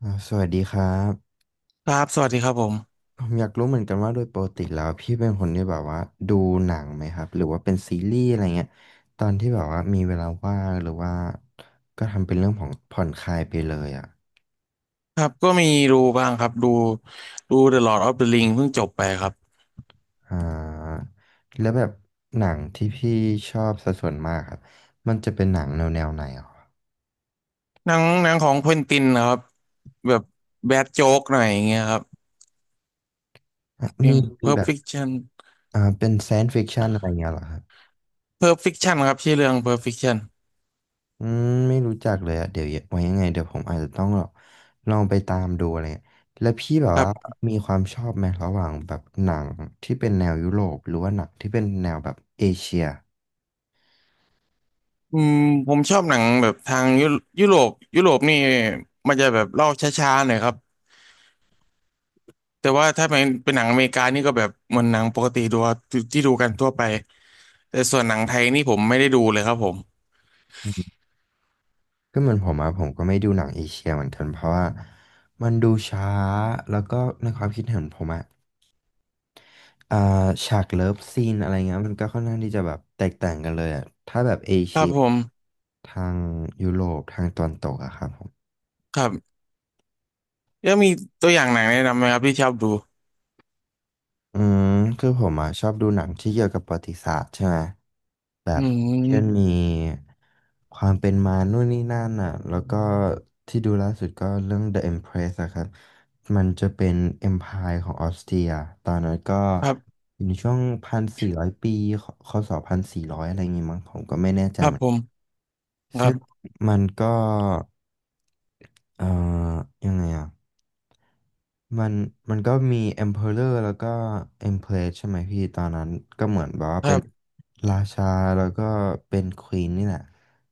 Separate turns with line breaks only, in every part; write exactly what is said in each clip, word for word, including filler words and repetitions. อ่าสวัสดีครับ
ครับสวัสดีครับผม
ผมอยากรู้เหมือนกันว่าโดยปกติแล้วพี่เป็นคนที่แบบว่าดูหนังไหมครับหรือว่าเป็นซีรีส์อะไรเงี้ยตอนที่แบบว่ามีเวลาว่างหรือว่าก็ทำเป็นเรื่องของผ่อนคลายไปเลยอ่ะ
ครับก็มีดูบ้างครับดูดู The Lord of the Ring เพิ่งจบไปครับ
อ่าแล้วแบบหนังที่พี่ชอบสัดส่วนมากครับมันจะเป็นหนังแนวแนวไหนอ่ะ
หนังหนังของเควินตินนะครับแบบแบดโจ๊กหน่อยอย่างเงี้ยครับ
อ่ะ
อย่า
มี
ง
มี
Pulp
แบบ
Fiction
อ่าเป็นไซน์ฟิคชันอะไรเงี้ยเหรอครับ
Pulp Fiction ครับชื่อเรื่อง Pulp Fiction
อืมไม่รู้จักเลยอะเดี๋ยวไว้ยังไงเดี๋ยวผมอาจจะต้องแบบลองไปตามดูอะไรเงี้ยแล้วพี่แบบ
ครั
ว่า
บ
มีความชอบไหมระหว่างแบบหนังที่เป็นแนวยุโรปหรือว่าหนังที่เป็นแนวแบบเอเชีย
อืมผมชอบหนังแบบทางยุยุโรปยุโรปนี่มันจะแบบเล่าช้าๆหน่อยครับแต่ว่าถ้าเป็นเป็นหนังอเมริกานี่ก็แบบเหมือนหนังปกติดูที่ดูกันทั่วไปแต่ส่วนหนังไทยนี่ผมไม่ได้ดูเลยครับผม
อืมก็เหมือนผมอะผมก็ไม่ดูหนังเอเชียเหมือนกันเพราะว่ามันดูช้าแล้วก็ในความคิดเห็นผมอะอ่าฉากเลิฟซีนอะไรเงี้ยมันก็ค่อนข้างที่จะแบบแตกต่างกันเลยอะถ้าแบบเอ
ค
เชี
รั
ย
บผม
ทางยุโรปทางตะวันตกอะครับ
ครับ แล้วมีตัวอย่างหนังแนะนำไหมครับที่ชอบดู
อืมคือผมอ่ะชอบดูหนังที่เกี่ยวกับประวัติศาสตร์ใช่ไหมแบ
อื
บเช่น
ม
มีความเป็นมานู่นนี่นั่นอ่ะแล้วก็ที่ดูล่าสุดก็เรื่อง The Empress อะครับมันจะเป็น Empire ของออสเตรียตอนนั้นก็
ครับ
อยู่ในช่วงพันสี่ร้อยปีคศพันสี่ร้อยอะไรอย่างงี้มั้งผมก็ไม่แน่ใจ
ครั
เห
บ
มือน
ผ
กั
ม
น
ครั
ซึ่ง
บ
มันก็เอ่อยังไงอ่ะ มันมันก็มี Emperor แล้วก็ Empress ใช่ไหมพี่ตอนนั้นก็เหมือนแบบว่า
ครั
เป็น
บ
ราชาแล้วก็เป็น Queen นี่แหละ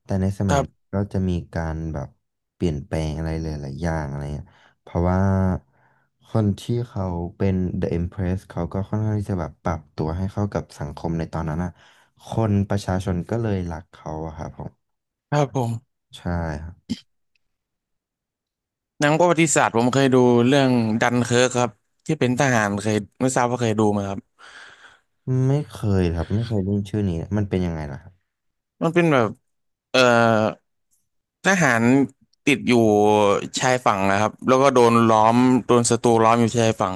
แต่ในส
ค
มัย
รั
นั้น
บ
ก็จะมีการแบบเปลี่ยนแปลงอะไรหลายๆอย่างอะไรเงี้ยเพราะว่าคนที่เขาเป็น The Empress เขาก็ค่อนข้างที่จะแบบปรับตัวให้เข้ากับสังคมในตอนนั้นอ่ะคนประชาชนก็เลยรักเขาอะครับผม
ครับผม
ใช่ครับ
หนังประวัติศาสตร์ผมเคยดูเรื่องดันเคิร์กครับที่เป็นทหารเคยไม่ทราบว่าเคยดูไหมครับ
ไม่เคยครับไม่เคยได้ยินชื่อนี้มันเป็นยังไงล่ะครับ
มันเป็นแบบเอ่อทหารติดอยู่ชายฝั่งนะครับแล้วก็โดนล้อมโดนศัตรูล้อมอยู่ชายฝั่ง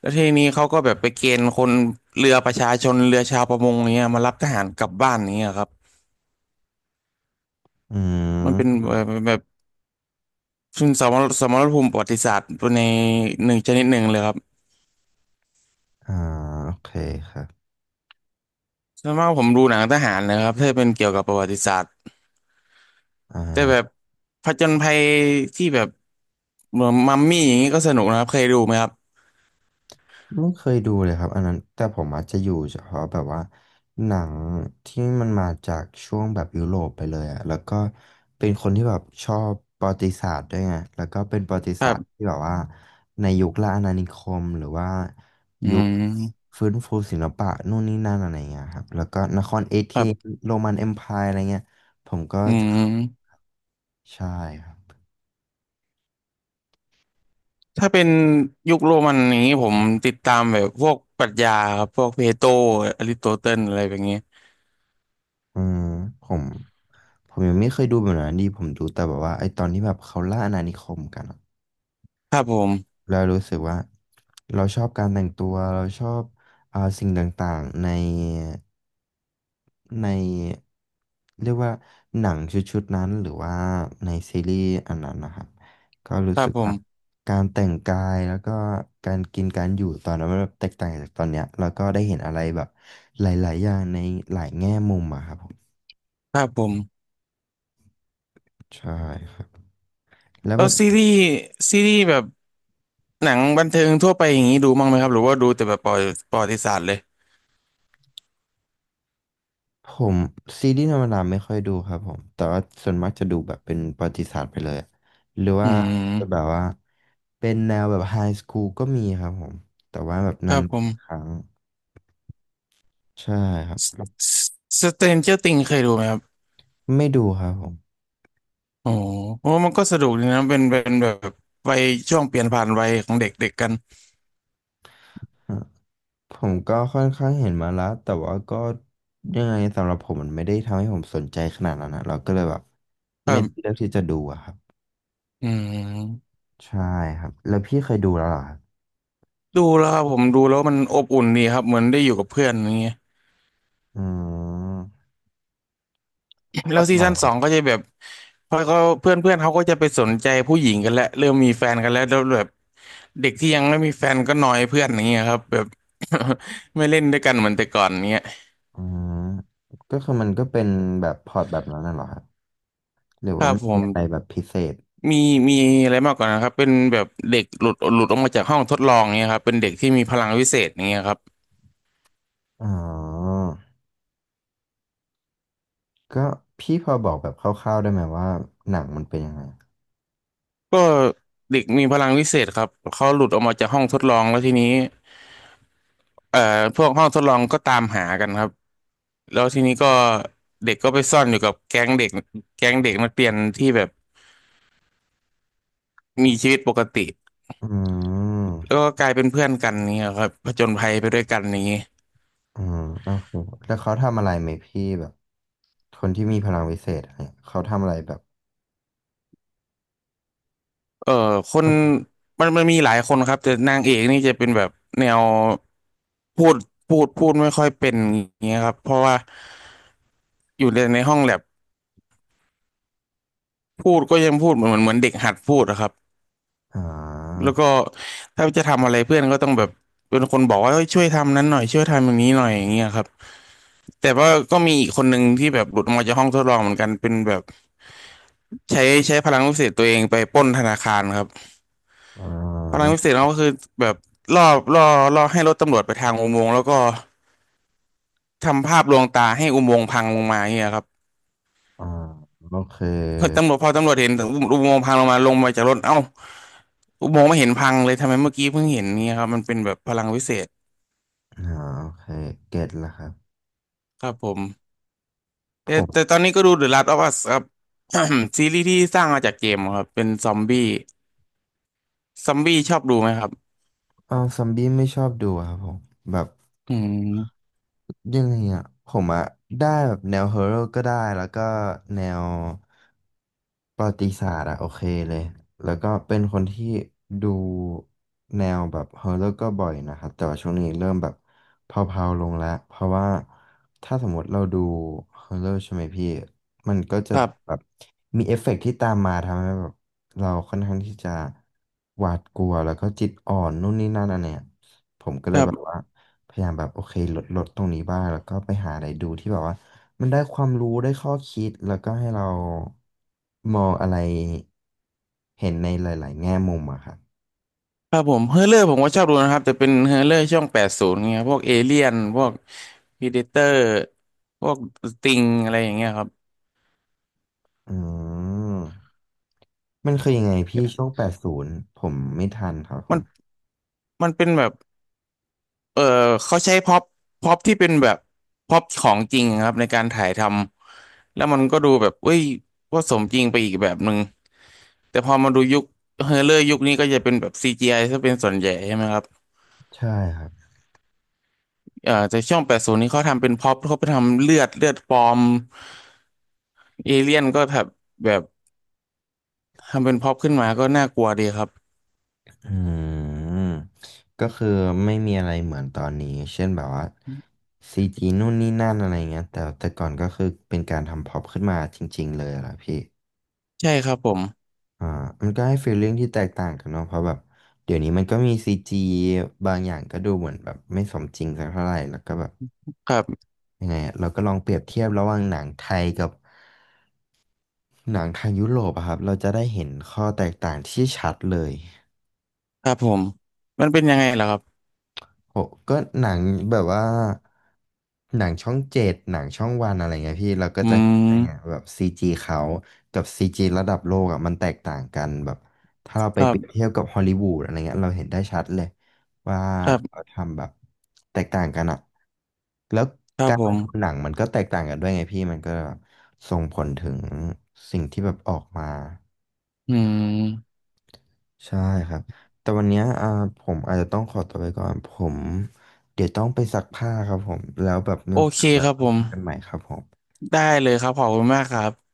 แล้วทีนี้เขาก็แบบไปเกณฑ์คนเรือประชาชนเรือชาวประมงเนี้ยมารับทหารกลับบ้านนี้ยครับ
อื
มันเป็น
ม
แบบ ซึ่งสมรสมรภูมิประวัติศาสตร์ในหนึ่งชนิดหนึ่งเลยครับ
อ่าโอเคครับ
ส่วนมากผมดูหนังทหารนะครับถ้าเป็นเกี่ยวกับประวัติศาสตร์แต่
อ่า
แบบผจญภัยที่แบบเหมือนมัมมี่อย่างนี้ก็สนุกนะครับเคยดูไหมครับ
ไม่เคยดูเลยครับอันนั้นแต่ผมอาจจะอยู่เฉพาะแบบว่าหนังที่มันมาจากช่วงแบบยุโรปไปเลยอะแล้วก็เป็นคนที่แบบชอบประวัติศาสตร์ด้วยไงแล้วก็เป็นประวัติศาสตร์ที่แบบว่าในยุคล่าอาณานิคมหรือว่า
อื
ยุค
ม
ฟื้นฟูศิลปะนู่นนี่นั่นอะไรเงี้ยครับแล้วก็นครเอเธ
ครั
นส์
บ
โรมันเอ็มไพร์อะไรเงี้ยผมก็
อื
จะเข้า
ม
ใช่ครับ
ถ้าเป็นยุคโรมันอย่างนี้ผมติดตามแบบพวกปรัชญาครับพวกเพโตรอริสโตเติลอะไรแบบนี้
อืมผม ผมยังไม่เคยดูแบบนั้นดีผมดูแต่แบบว่าไอตอนที่แบบเขาล่าอาณานิคมกันอะ
ครับผม
เรารู้สึกว่าเราชอบการแต่งตัวเราชอบอ่าสิ่งต่างๆในในเรียกว่าหนังชุดๆนั้นหรือว่าในซีรีส์อันนั้นนะครับก็รู้
ครั
สึ
บ
ก
ผ
ว่า
ม
การแต่งกายแล้วก็การกินการอยู่ตอนนั้นมันแบบแตกต่างจากตอนเนี้ยแล้วก็ได้เห็นอะไรแบบหลายๆอย่างในหลายแง่มุมอะครับผม
ครับผม
ใช่ครับแล้ว
แล้
แบ
ว
บ
ซีรีส์ซีรีส์แบบหนังบันเทิงทั่วไปอย่างนี้ดูบ้างไหมครับหรือว่าดูแต่แบบประวัติประวัติศาสตร์เลย
ผมซีรีส์ธรรมดาไม่ค่อยดูครับผมแต่ว่าส่วนมากจะดูแบบเป็นประวัติศาสตร์ไปเลยอะหรือ
อื
ว่าจะแบ
ม
บว่าเป็นแนวแบบไฮสคูลก็มีครับผมแต่ว่าแบบ
ค
นา
รับผ
นๆค
ม
รั้งใช่ครับ
สเตนเจอร์ติงเคยดูไหมครับ
ไม่ดูครับผม
โอ้โหโอ้มันก็สนุกดีนะเป็นเป็นแบบวัยช่วงเปลี่ยนผ่านวัยของเด็กๆกกัน
ฮะผมก็ค่อนข้างเห็นมาแล้วแต่ว่าก็ยังไงสำหรับผมมันไม่ได้ทำให้ผมสนใจขนาดนั้นนะเราก็เลยแบบ
ครั
ไม่ได้
บ
เลือกที่จะดูอะครับ
อืม
ใช่ครับแล้วพี่เคยดูแล้วเหรอครับ
ดูแล้วครับผมดูแล้วมันอบอุ่นดีครับเหมือนได้อยู่กับเพื่อนอย่างเงี้ย
อืมพ ล็
แล้
อ
ว
ต
ซี
หนั
ซั่น
ง
สองก็จะแบบพอเขาเพื่อนเพื่อนเขาก็จะไปสนใจผู้หญิงกันแล้วเริ่มมีแฟนกันแล้วแล้วแบบเด็กที่ยังไม่มีแฟนก็นอยเพื่อนอย่างเงี้ยครับแบบ ไม่เล่นด้วยกันเหมือนแต่ก่อนเงี้ย
อ่าก็คือมันก็เป็นแบบพอร์ตแบบนั้นน่ะเหรอครับหรือ
ค
ว่า
รับ
มัน
ผ
มีอะไร
ม
แบบพิเศษ
มีมีอะไรมากกว่านะครับเป็นแบบเด็กหลุดหลุดออกมาจากห้องทดลองเนี่ยครับเป็นเด็กที่มีพลังวิเศษอย่างเงี้ยครับ
อ๋อก็พี่พอบอกแบบคร่าวๆได้ไหมว่าหนังมันเป็นยังไง
ก็เด็กมีพลังวิเศษครับเขาหลุดออกมาจากห้องทดลองแล้วทีนี้เอ่อพวกห้องทดลองก็ตามหากันครับแล้วทีนี้ก็เด็กก็ไปซ่อนอยู่กับแก๊งเด็กแก๊งเด็กนักเรียนที่แบบมีชีวิตปกติ
อื
แล้ว
ม
ก็กลายเป็นเพื่อนกันเนี่ยครับผจญภัยไปด้วยกันนี้
อืมโอเคแล้วเขาทำอะไรไหมพี่แบบคนที่มีพลังวิเศษอะไรเนี่ยเขาทำอะไรแบบ
เออคนมันมันมีหลายคนครับแต่นางเอกนี่จะเป็นแบบแนว พูดพูดพูดไม่ค่อยเป็นอย่างเงี้ยครับเพราะว่าอยู่ในในห้องแลบพูดก็ยังพูดเหมือนเหมือนเด็กหัดพูดอะครับ
อ่า
แล้วก็ถ้าจะทำอะไรเพื่อนก็ต้องแบบเป็นคนบอกว่าเฮ้ยช่วยทำนั้นหน่อยช่วยทำอย่างนี้หน่อยอย่างเงี้ยครับแต่ว่าก็มีอีกคนหนึ่งที่แบบหลุดออกมาจากห้องทดลองเหมือนกันเป็นแบบใช้ใช้พลังวิเศษตัวเองไปปล้นธนาคารครับ
อ่
พลัง
า
วิเศษเขาก็คือแบบล่อล่อล่อให้รถตำรวจไปทางอุโมงค์แล้วก็ทำภาพลวงตาให้อุโมงค์พังลงมาอย่างเงี้ยครับ
อ่าโอเค
พอตำรวจพอตำรวจเห็นอุโมงค์พังลงมาลงมาจากรถเอ้า อมโงไม่เห็นพังเลยทำไมเมื่อกี้เพิ่งเห็นเนี่ยครับมันเป็นแบบพลังวิเศษ
อ่าโอเคเก็ตแล้วครับ
ครับผม
ผ
แต่แต่
ม
ตอนนี้ก็ดู The Last of Us ครับ ซีรีส์ที่สร้างมาจากเกมครับเป็นซอมบี้ซอมบี้ชอบดูไหมครับ
เออซอมบี้ไม่ชอบดูครับผมแบบ
อืม
ยังไงอ่ะผมอ่ะได้แบบแนวฮอร์เรก็ได้แล้วก็แนวประวัติศาสตร์อ่ะโอเคเลยแล้วก็เป็นคนที่ดูแนวแบบฮอร์เรก็บ่อยนะครับแต่ว่าช่วงนี้เริ่มแบบเพลาๆลงแล้วเพราะว่าถ้าสมมติเราดูฮอร์เรใช่ไหมพี่มันก็จะ
ครั
แบ
บ
บมีเอฟเฟกต์ที่ตามมาทำให้แบบเราค่อนข้างที่จะหวาดกลัวแล้วก็จิตอ่อนนู่นนี่นั่นอันเนี้ยผมก็
ค
เลย
รั
แบบ
บ
ว่า พยายามแบบโอเคลดลดตรงนี้บ้างแล้วก็ไปหาอะไรดูที่แบบว่ามันได้ความรู้ได้ข้อคิดแล้วก็ให้เรามองอะไรเห็นในหลายๆแง่มุมอะครับ
ครับผมเฮอร์เรอร์ผมก็ชอบดูนะครับแต่เป็นเฮอร์เรอร์ช่วงแปดศูนย์เงี้ยพวกเอเลี่ยนพวกพีเดเตอร์พวกสติงอะไรอย่างเงี้ยครับ
อืมมันคือยังไงพี่ช่วงแปดศูนย์ผมไม่ทันครับผ
มัน
ม
มันเป็นแบบ เออเขาใช้พ็อปพ็อปที่เป็นแบบพ็อปของจริงครับในการถ่ายทำแล้วมันก็ดูแบบเอ้ยว่าสมจริงไปอีกแบบหนึ่งแต่พอมาดูยุคเฮอร์เลอร์ยุคนี้ก็จะเป็นแบบซี จี ไอ ซะเป็นส่วนใหญ่ใช่ไหมครับ
ใช่ครับ
เออแต่ช่วงแปดศูนย์นี้เขาทำเป็นพ็อปเขาไปทำเลือดเลือดปลอมเอเลี่ยนก็แบบแบบทำเป็นพ็อปขึ้นมาก็น่ากลัวดีครับ
อืมก็คือไม่มีอะไรเหมือนตอนนี้เช่นแบบว่าซีจีนู่นนี่นั่นอะไรเงี้ยแต่แต่ก่อนก็คือเป็นการทำพ็อปขึ้นมาจริงๆเลยอะล่ะพี่
ใช่ครับผม
อ่ามันก็ให้ฟีลลิ่งที่แตกต่างกันเนาะเพราะแบบเดี๋ยวนี้มันก็มีซีจีบางอย่างก็ดูเหมือนแบบไม่สมจริงสักเท่าไหร่แล้วก็แบบ
ครับ
ยังไงอะเราก็ลองเปรียบเทียบระหว่างหนังไทยกับหนังทางยุโรปอะครับเราจะได้เห็นข้อแตกต่างที่ชัดเลย
ครับผมมันเป็นยังไงล่ะครับ
โหก็หนังแบบว่าหนังช่องเจ็ดหนังช่องวันอะไรเงี้ยพี่เราก็
อื
จะเห็นได้ไง
ม
แบบซีจีเขากับซีจีระดับโลกอ่ะมันแตกต่างกันแบบถ้าเราไป
ครั
เปรียบ
บ
เทียบกับฮอลลีวูดอะไรเงี้ยเราเห็นได้ชัดเลยว่า
ครั
เขา
บ
ทำแบบแตกต่างกันอ่ะแล้ว
ครับ
การ
ผ
ลง
ม
ทุนหนังมันก็แตกต่างกันด้วยไงพี่มันก็ส่งผลถึงสิ่งที่แบบออกมา
อืม
ใช่ครับแต่วันเนี้ยอ่าผมอาจจะต้องขอตัวไปก่อนผมเดี๋ยวต้องไปซักผ้าครับผมแล้วแบบมี
โอ
โอ
เค
กาสไว้
ครับ
ค
ผม
ุยกันใหม่ครับผม
ได้เลยครับขอบคุณมากครับ